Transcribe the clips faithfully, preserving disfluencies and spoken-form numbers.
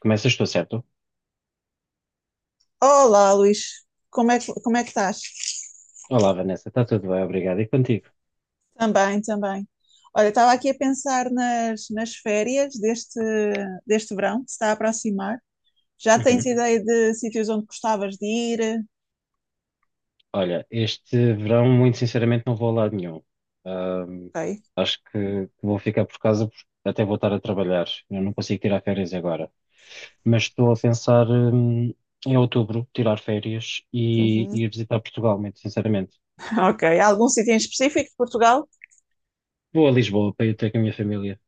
Começas tu, certo? Olá, Luís. Como é que, como é que estás? Olá, Vanessa, está tudo bem? Obrigado. E contigo? Também, também. Olha, estava aqui a pensar nas, nas férias deste, deste verão que se está a aproximar. Já Uhum. tens ideia de sítios onde gostavas de ir? Olha, este verão, muito sinceramente, não vou a lado nenhum. Ahm, Ok. Acho que vou ficar por casa porque até vou estar a trabalhar. Eu não consigo tirar férias agora. Mas estou a pensar, hum, em outubro tirar férias e e ir Uhum. visitar Portugal, muito sinceramente. Ok. Algum sítio em específico de Portugal? Vou a Lisboa para ir ter com a minha família.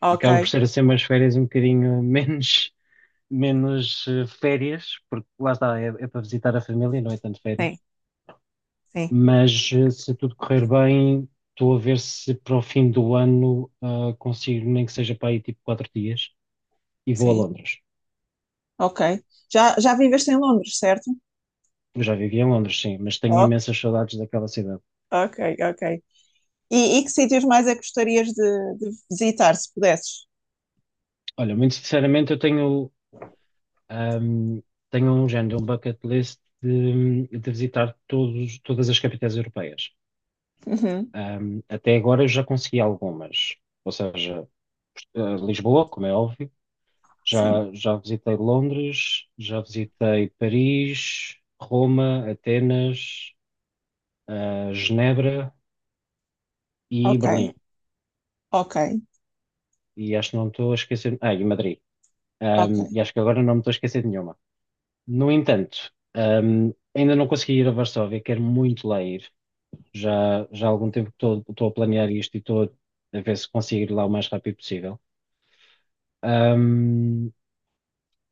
Ok. Acaba por ser assim umas férias um bocadinho menos, menos eh, férias, porque lá está, é, é para visitar a família, não é tanto férias. Sim, sim. Mas eh, se tudo correr bem, estou a ver se para o fim do ano ah, consigo, nem que seja para aí tipo quatro dias, e vou a Sim. Londres. Ok. Já, já viveste em Londres, certo? Eu já vivi em Londres, sim, mas tenho Ok, imensas saudades daquela cidade. ok, ok. E, e que sítios mais é que gostarias de, de visitar, se pudesses? Olha, muito sinceramente, eu tenho, ahm, tenho um género, um bucket list de, de visitar todos, todas as capitais europeias. Uhum. Ahm, até agora eu já consegui algumas, ou seja, ah, Lisboa, como é óbvio. Sim. Já, já visitei Londres, já visitei Paris, Roma, Atenas, ah, Genebra e Ok, Berlim. ok. E acho que não me estou a esquecer. Ah, e Madrid. Ok, Ahm, e acho que agora não me estou a esquecer de nenhuma. No entanto, ahm, ainda não consegui ir a Varsóvia, quero muito lá ir. Já, já há algum tempo que estou estou a planear isto e estou a ver se consigo ir lá o mais rápido possível. Ahm,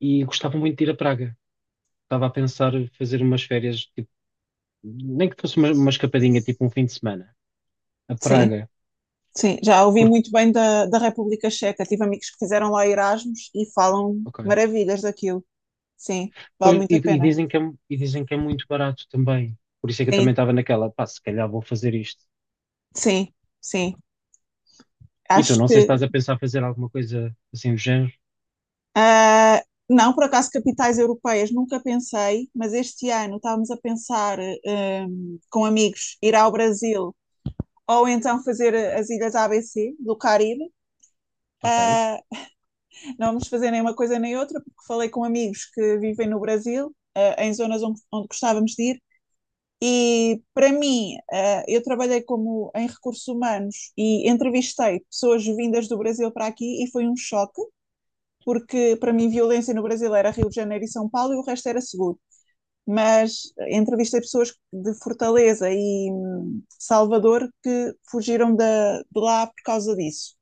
e gostava muito de ir a Praga. Estava a pensar em fazer umas férias nem que fosse uma, uma escapadinha, tipo um fim de semana, a sim, Praga, sim. Já ouvi por- muito bem da, da República Checa. Tive amigos que fizeram lá Erasmus e falam ok. maravilhas daquilo. Sim, vale Pois. muito E, a E pena. dizem que é, mu- e dizem que é muito barato também. Por isso é que eu Sim, também estava naquela, pá, se calhar vou fazer isto. sim, sim. E tu, Acho não sei se que. estás a pensar fazer alguma coisa assim do género. ah, não, por acaso, capitais europeias nunca pensei, mas este ano estávamos a pensar hum, com amigos ir ao Brasil, ou então fazer as ilhas A B C do Caribe. Ok. Ah, Não vamos fazer nem uma coisa nem outra, porque falei com amigos que vivem no Brasil, eh, em zonas onde, onde gostávamos de ir, e para mim, eh, eu trabalhei como em recursos humanos e entrevistei pessoas vindas do Brasil para aqui e foi um choque, porque para mim violência no Brasil era Rio de Janeiro e São Paulo e o resto era seguro. Mas eh, entrevistei pessoas de Fortaleza e hum, Salvador, que fugiram da- de lá por causa disso.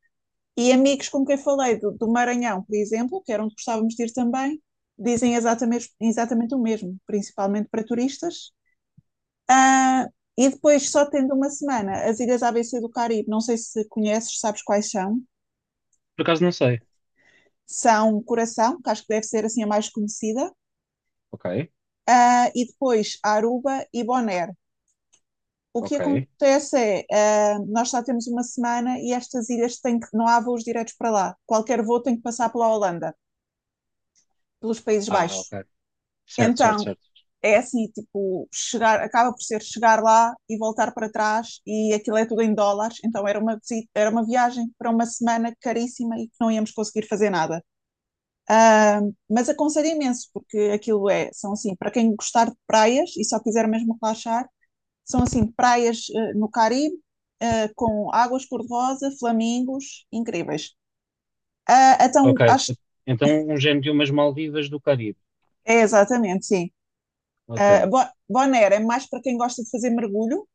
E amigos com quem falei do, do Maranhão, por exemplo, que era onde gostávamos de ir também, dizem exatamente, exatamente o mesmo, principalmente para turistas. Ah, e depois, só tendo uma semana, as ilhas A B C do Caribe, não sei se conheces, sabes quais são. Por acaso não sei. São um Coração, que acho que deve ser assim a mais conhecida, Ok, ah, e depois Aruba e Bonaire. O que ok. acontece é, ah, nós só temos uma semana e estas ilhas têm que, não há voos diretos para lá. Qualquer voo tem que passar pela Holanda, pelos Países Ah, Baixos. ok. Certo, certo, Então, certo. é assim, tipo, chegar, acaba por ser chegar lá e voltar para trás, e aquilo é tudo em dólares, então era uma visita, era uma viagem para uma semana caríssima e que não íamos conseguir fazer nada. Mas aconselho imenso, porque aquilo é, são assim, para quem gostar de praias e só quiser mesmo relaxar, são assim, praias uh, no Caribe, uh, com águas cor-de-rosa, flamingos, incríveis. Uh, Ok. Então, acho que Então um género de umas Maldivas do Caribe. é exatamente, sim. Uh, Ok. Bo- Bonaire é mais para quem gosta de fazer mergulho, uh,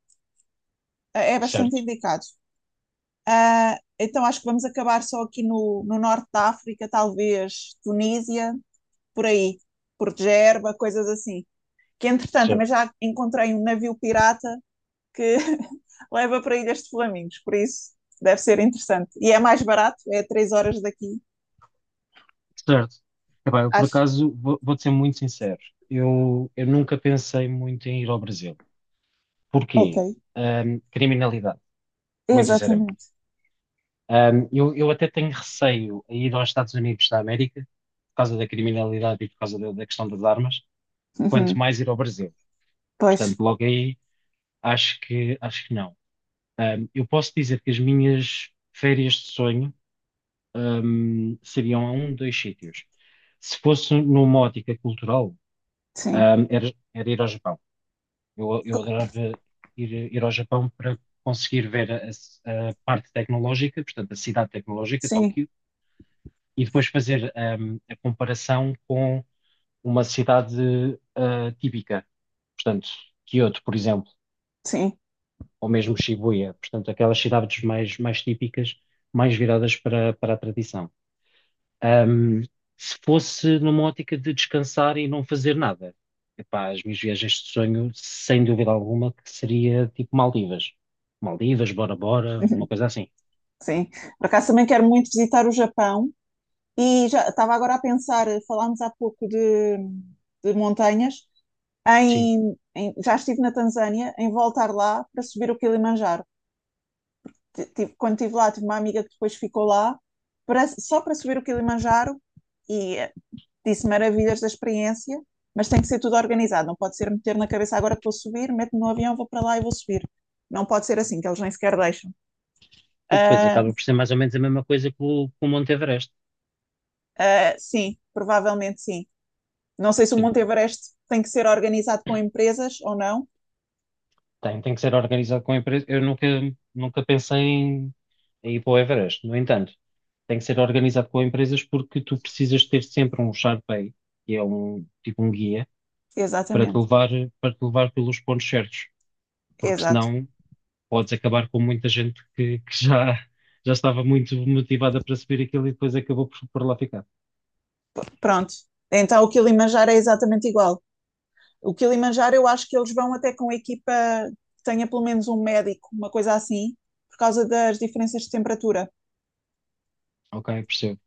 é bastante Certo, indicado. Ah, então acho que vamos acabar só aqui no, no norte da África, talvez Tunísia, por aí, por Gerba, coisas assim. Que entretanto também certo, já encontrei um navio pirata que leva para Ilhas de Flamingos, por isso deve ser interessante. E é mais barato, é três horas daqui, certo. Epá, eu por acho. acaso vou, vou-te ser muito sincero. Eu, eu nunca pensei muito em ir ao Brasil. Ok, Porquê? Ahm, criminalidade, muito sinceramente. exatamente. Ahm, eu, eu até tenho receio a ir aos Estados Unidos da América, por causa da criminalidade e por causa da, da questão das armas, quanto Uhum. mais ir ao Brasil. Pois, Portanto, logo aí, acho que, acho que não. Ahm, eu posso dizer que as minhas férias de sonho, ahm, seriam a um, dois sítios. Se fosse numa ótica cultural, sim, ahm, era, era ir ao Japão. Eu, eu adorava ir, ir ao Japão para conseguir ver a, a parte tecnológica, portanto, a cidade tecnológica, sim, Tóquio, e depois fazer hum, a comparação com uma cidade ah, típica, portanto, Kyoto, por exemplo, sim. ou mesmo Shibuya, portanto, aquelas cidades mais, mais típicas, mais viradas para, para a tradição. Ahm, Se fosse numa ótica de descansar e não fazer nada, epá, as minhas viagens de sonho, sem dúvida alguma, que seria tipo Maldivas. Maldivas, Bora Bora, uma Uhum. coisa assim. Sim, por acaso também quero muito visitar o Japão, e já estava agora a pensar, falámos há pouco de, de montanhas, Sim. em, em- já estive na Tanzânia, em voltar lá para subir o Kilimanjaro. Ti- tive- quando estive lá, tive uma amiga que depois ficou lá para- só para subir o Kilimanjaro, e eh, disse maravilhas da experiência, mas tem que ser tudo organizado, não pode ser meter na cabeça agora que vou subir, meto-me no avião, vou para lá e vou subir. Não pode ser assim, que eles nem sequer deixam. Depois Ah, acaba por ser mais ou menos a mesma coisa que o, que o Monte Everest. ah, sim, provavelmente sim. Não sei se o Sim. Monte Everest tem que ser organizado com empresas ou não. Tem, tem que ser organizado com a empresa. Eu nunca, Nunca pensei em, em ir para o Everest. No entanto, tem que ser organizado com empresas porque tu precisas ter sempre um Sharpay, que é um tipo um guia, para te Exatamente, levar, para te levar pelos pontos certos. Porque exato. senão podes acabar com muita gente que, que já, já estava muito motivada para subir aquilo e depois acabou por, por lá ficar. Pronto. Então o Kilimanjaro é exatamente igual. O Kilimanjaro, eu acho que eles vão até com a equipa que tenha pelo menos um médico, uma coisa assim, por causa das diferenças de temperatura. Ok, percebo,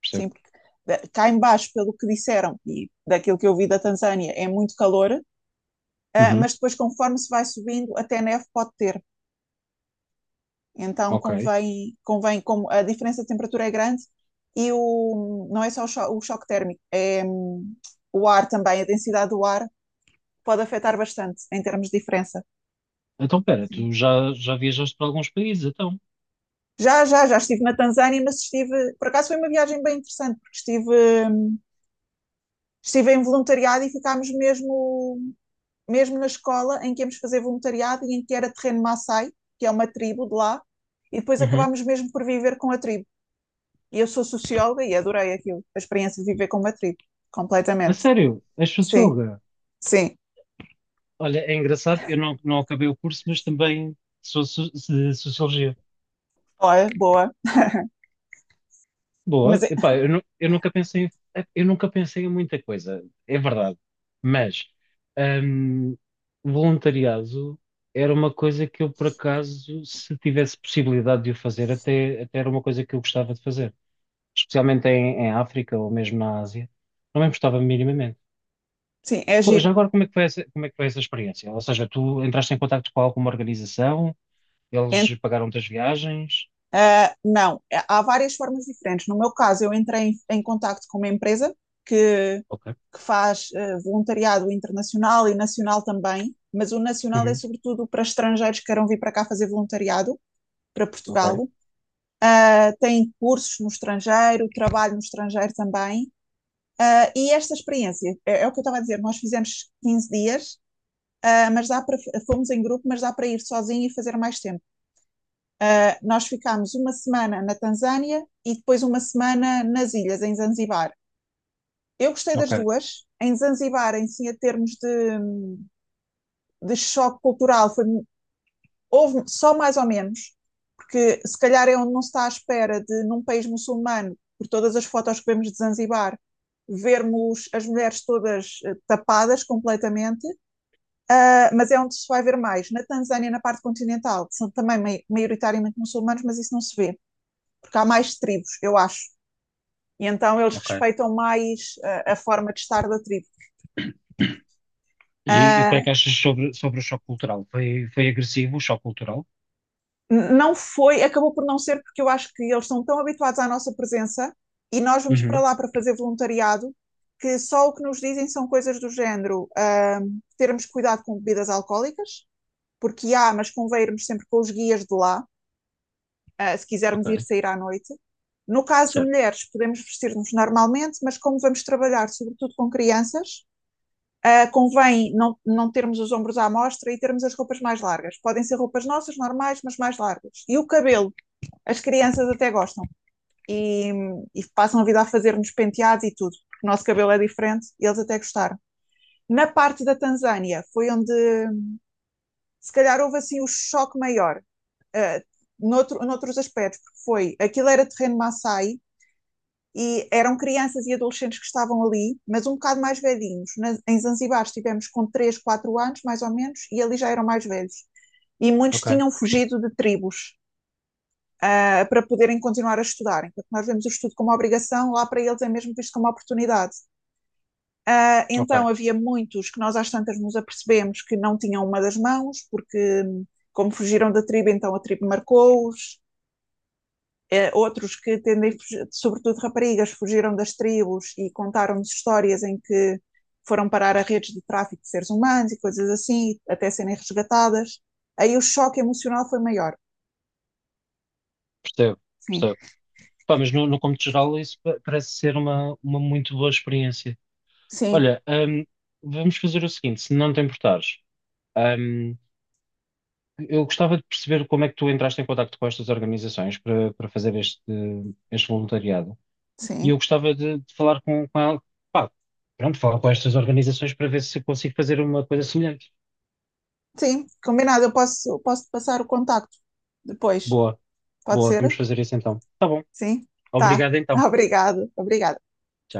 percebo. Sim, porque eh, cá em baixo, pelo que disseram e daquilo que eu vi da Tanzânia, é muito calor, ah, Uhum, mas depois conforme se vai subindo, até neve pode ter. Então ok. convém, convém como a diferença de temperatura é grande e o, não é só o, cho- o choque térmico, é hum, o ar também, a densidade do ar pode afetar bastante em termos de diferença. Então, pera, Sim. tu já, já viajaste para alguns países, então. Já, já, já estive na Tanzânia, mas estive, por acaso foi uma viagem bem interessante, porque estive, hum, estive em voluntariado, e ficámos mesmo, mesmo na escola em que íamos fazer voluntariado e em que era terreno Maasai, que é uma tribo de lá, e depois Uhum. acabámos mesmo por viver com a tribo. E eu sou socióloga e adorei aquilo, a experiência de viver com uma tribo, A completamente. sério, és Sim, socióloga? sim. Olha, é engraçado, eu não, não acabei o curso, mas também sou so- de sociologia. Olha, boa. Mas, Boa. é- Epá, eu, nu- eu nunca pensei, em- é, eu nunca pensei em muita coisa, é verdade. Mas hum, voluntariado era uma coisa que eu, por acaso, se tivesse possibilidade de o fazer, até, até era uma coisa que eu gostava de fazer. Especialmente em, em África ou mesmo na Ásia. Não me importava minimamente. sim, é Co- Já giro. agora, como é que foi essa, como é que foi essa experiência? Ou seja, tu entraste em contacto com alguma organização, Ent- eles pagaram-te as viagens? ah, não, é- há várias formas diferentes. No meu caso, eu entrei em, em contacto com uma empresa que, Ok. que faz ah, voluntariado internacional e nacional também, mas o nacional é Uhum. sobretudo para estrangeiros que queiram vir para cá fazer voluntariado, para Ok, Portugal. Ah, tem cursos no estrangeiro, trabalho no estrangeiro também. Uh, e esta experiência, é, é o que eu estava a dizer, nós fizemos quinze dias, uh, mas dá para, fomos em grupo, mas dá para ir sozinho e fazer mais tempo. Uh, nós ficámos uma semana na Tanzânia e depois uma semana nas ilhas, em Zanzibar. Eu gostei ok, das duas. Em Zanzibar, em si, a termos de, de choque cultural, foi, houve só mais ou menos, porque se calhar é onde não se está à espera de, num país muçulmano, por todas as fotos que vemos de Zanzibar, vermos as mulheres todas eh, tapadas completamente. Ah, mas é onde se vai ver mais. Na Tanzânia, na parte continental, são também mai- maioritariamente muçulmanos, mas isso não se vê, porque há mais tribos, eu acho. E então eles ok. respeitam mais ah, a forma de estar da tribo. E, e o que Ah, é que achas sobre, sobre o choque cultural? Foi, foi agressivo o choque cultural? não foi, acabou por não ser, porque eu acho que eles estão tão habituados à nossa presença e nós vamos para Uhum, lá para fazer voluntariado, que só o que nos dizem são coisas do género ah, termos cuidado com bebidas alcoólicas, porque há, mas convém irmos sempre com os guias de lá, ah, se quisermos ir ok, sair à noite. No caso de certo. mulheres, podemos vestir-nos normalmente, mas como vamos trabalhar, sobretudo com crianças, ah, convém não, não termos os ombros à mostra e termos as roupas mais largas. Podem ser roupas nossas, normais, mas mais largas. E o cabelo, as crianças até gostam, e, e passam a vida a fazer-nos penteados e tudo, porque o nosso cabelo é diferente e eles até gostaram. Na parte da Tanzânia foi onde se calhar houve assim o choque maior, ah, noutro, noutros aspectos, porque foi, aquilo era terreno Maasai, e eram crianças e adolescentes que estavam ali, mas um bocado mais velhinhos. Na, em Zanzibar estivemos com três, quatro anos, mais ou menos, e ali já eram mais velhos. E muitos Ok, tinham fugido de tribos uh, para poderem continuar a estudar. Enquanto nós vemos o estudo como obrigação, lá para eles é mesmo visto como oportunidade. Uh, então ok, havia muitos que nós às tantas nos apercebemos que não tinham uma das mãos, porque hum, como fugiram da tribo, então a tribo marcou-os. Eh, outros que tendem, sobretudo raparigas, fugiram das tribos e contaram-nos histórias em que foram parar a redes de tráfico de seres humanos e coisas assim, até serem resgatadas. Aí o choque emocional foi maior. percebo, Sim, percebo. Pá, mas no, no contexto geral isso pa- parece ser uma, uma muito boa experiência. sim, Olha, hum, vamos fazer o seguinte, se não te importares, hum, eu gostava de perceber como é que tu entraste em contacto com estas organizações para, para fazer este, este voluntariado. E eu sim. gostava de, de falar com, com ela, pá, pronto, falar com estas organizações para ver se consigo fazer uma coisa semelhante. Sim, combinado. Eu posso, posso passar o contacto depois. Boa, Pode boa, vamos ser? fazer isso então. Tá bom, Sim? Tá. obrigado então. Obrigado, obrigada. Tchau.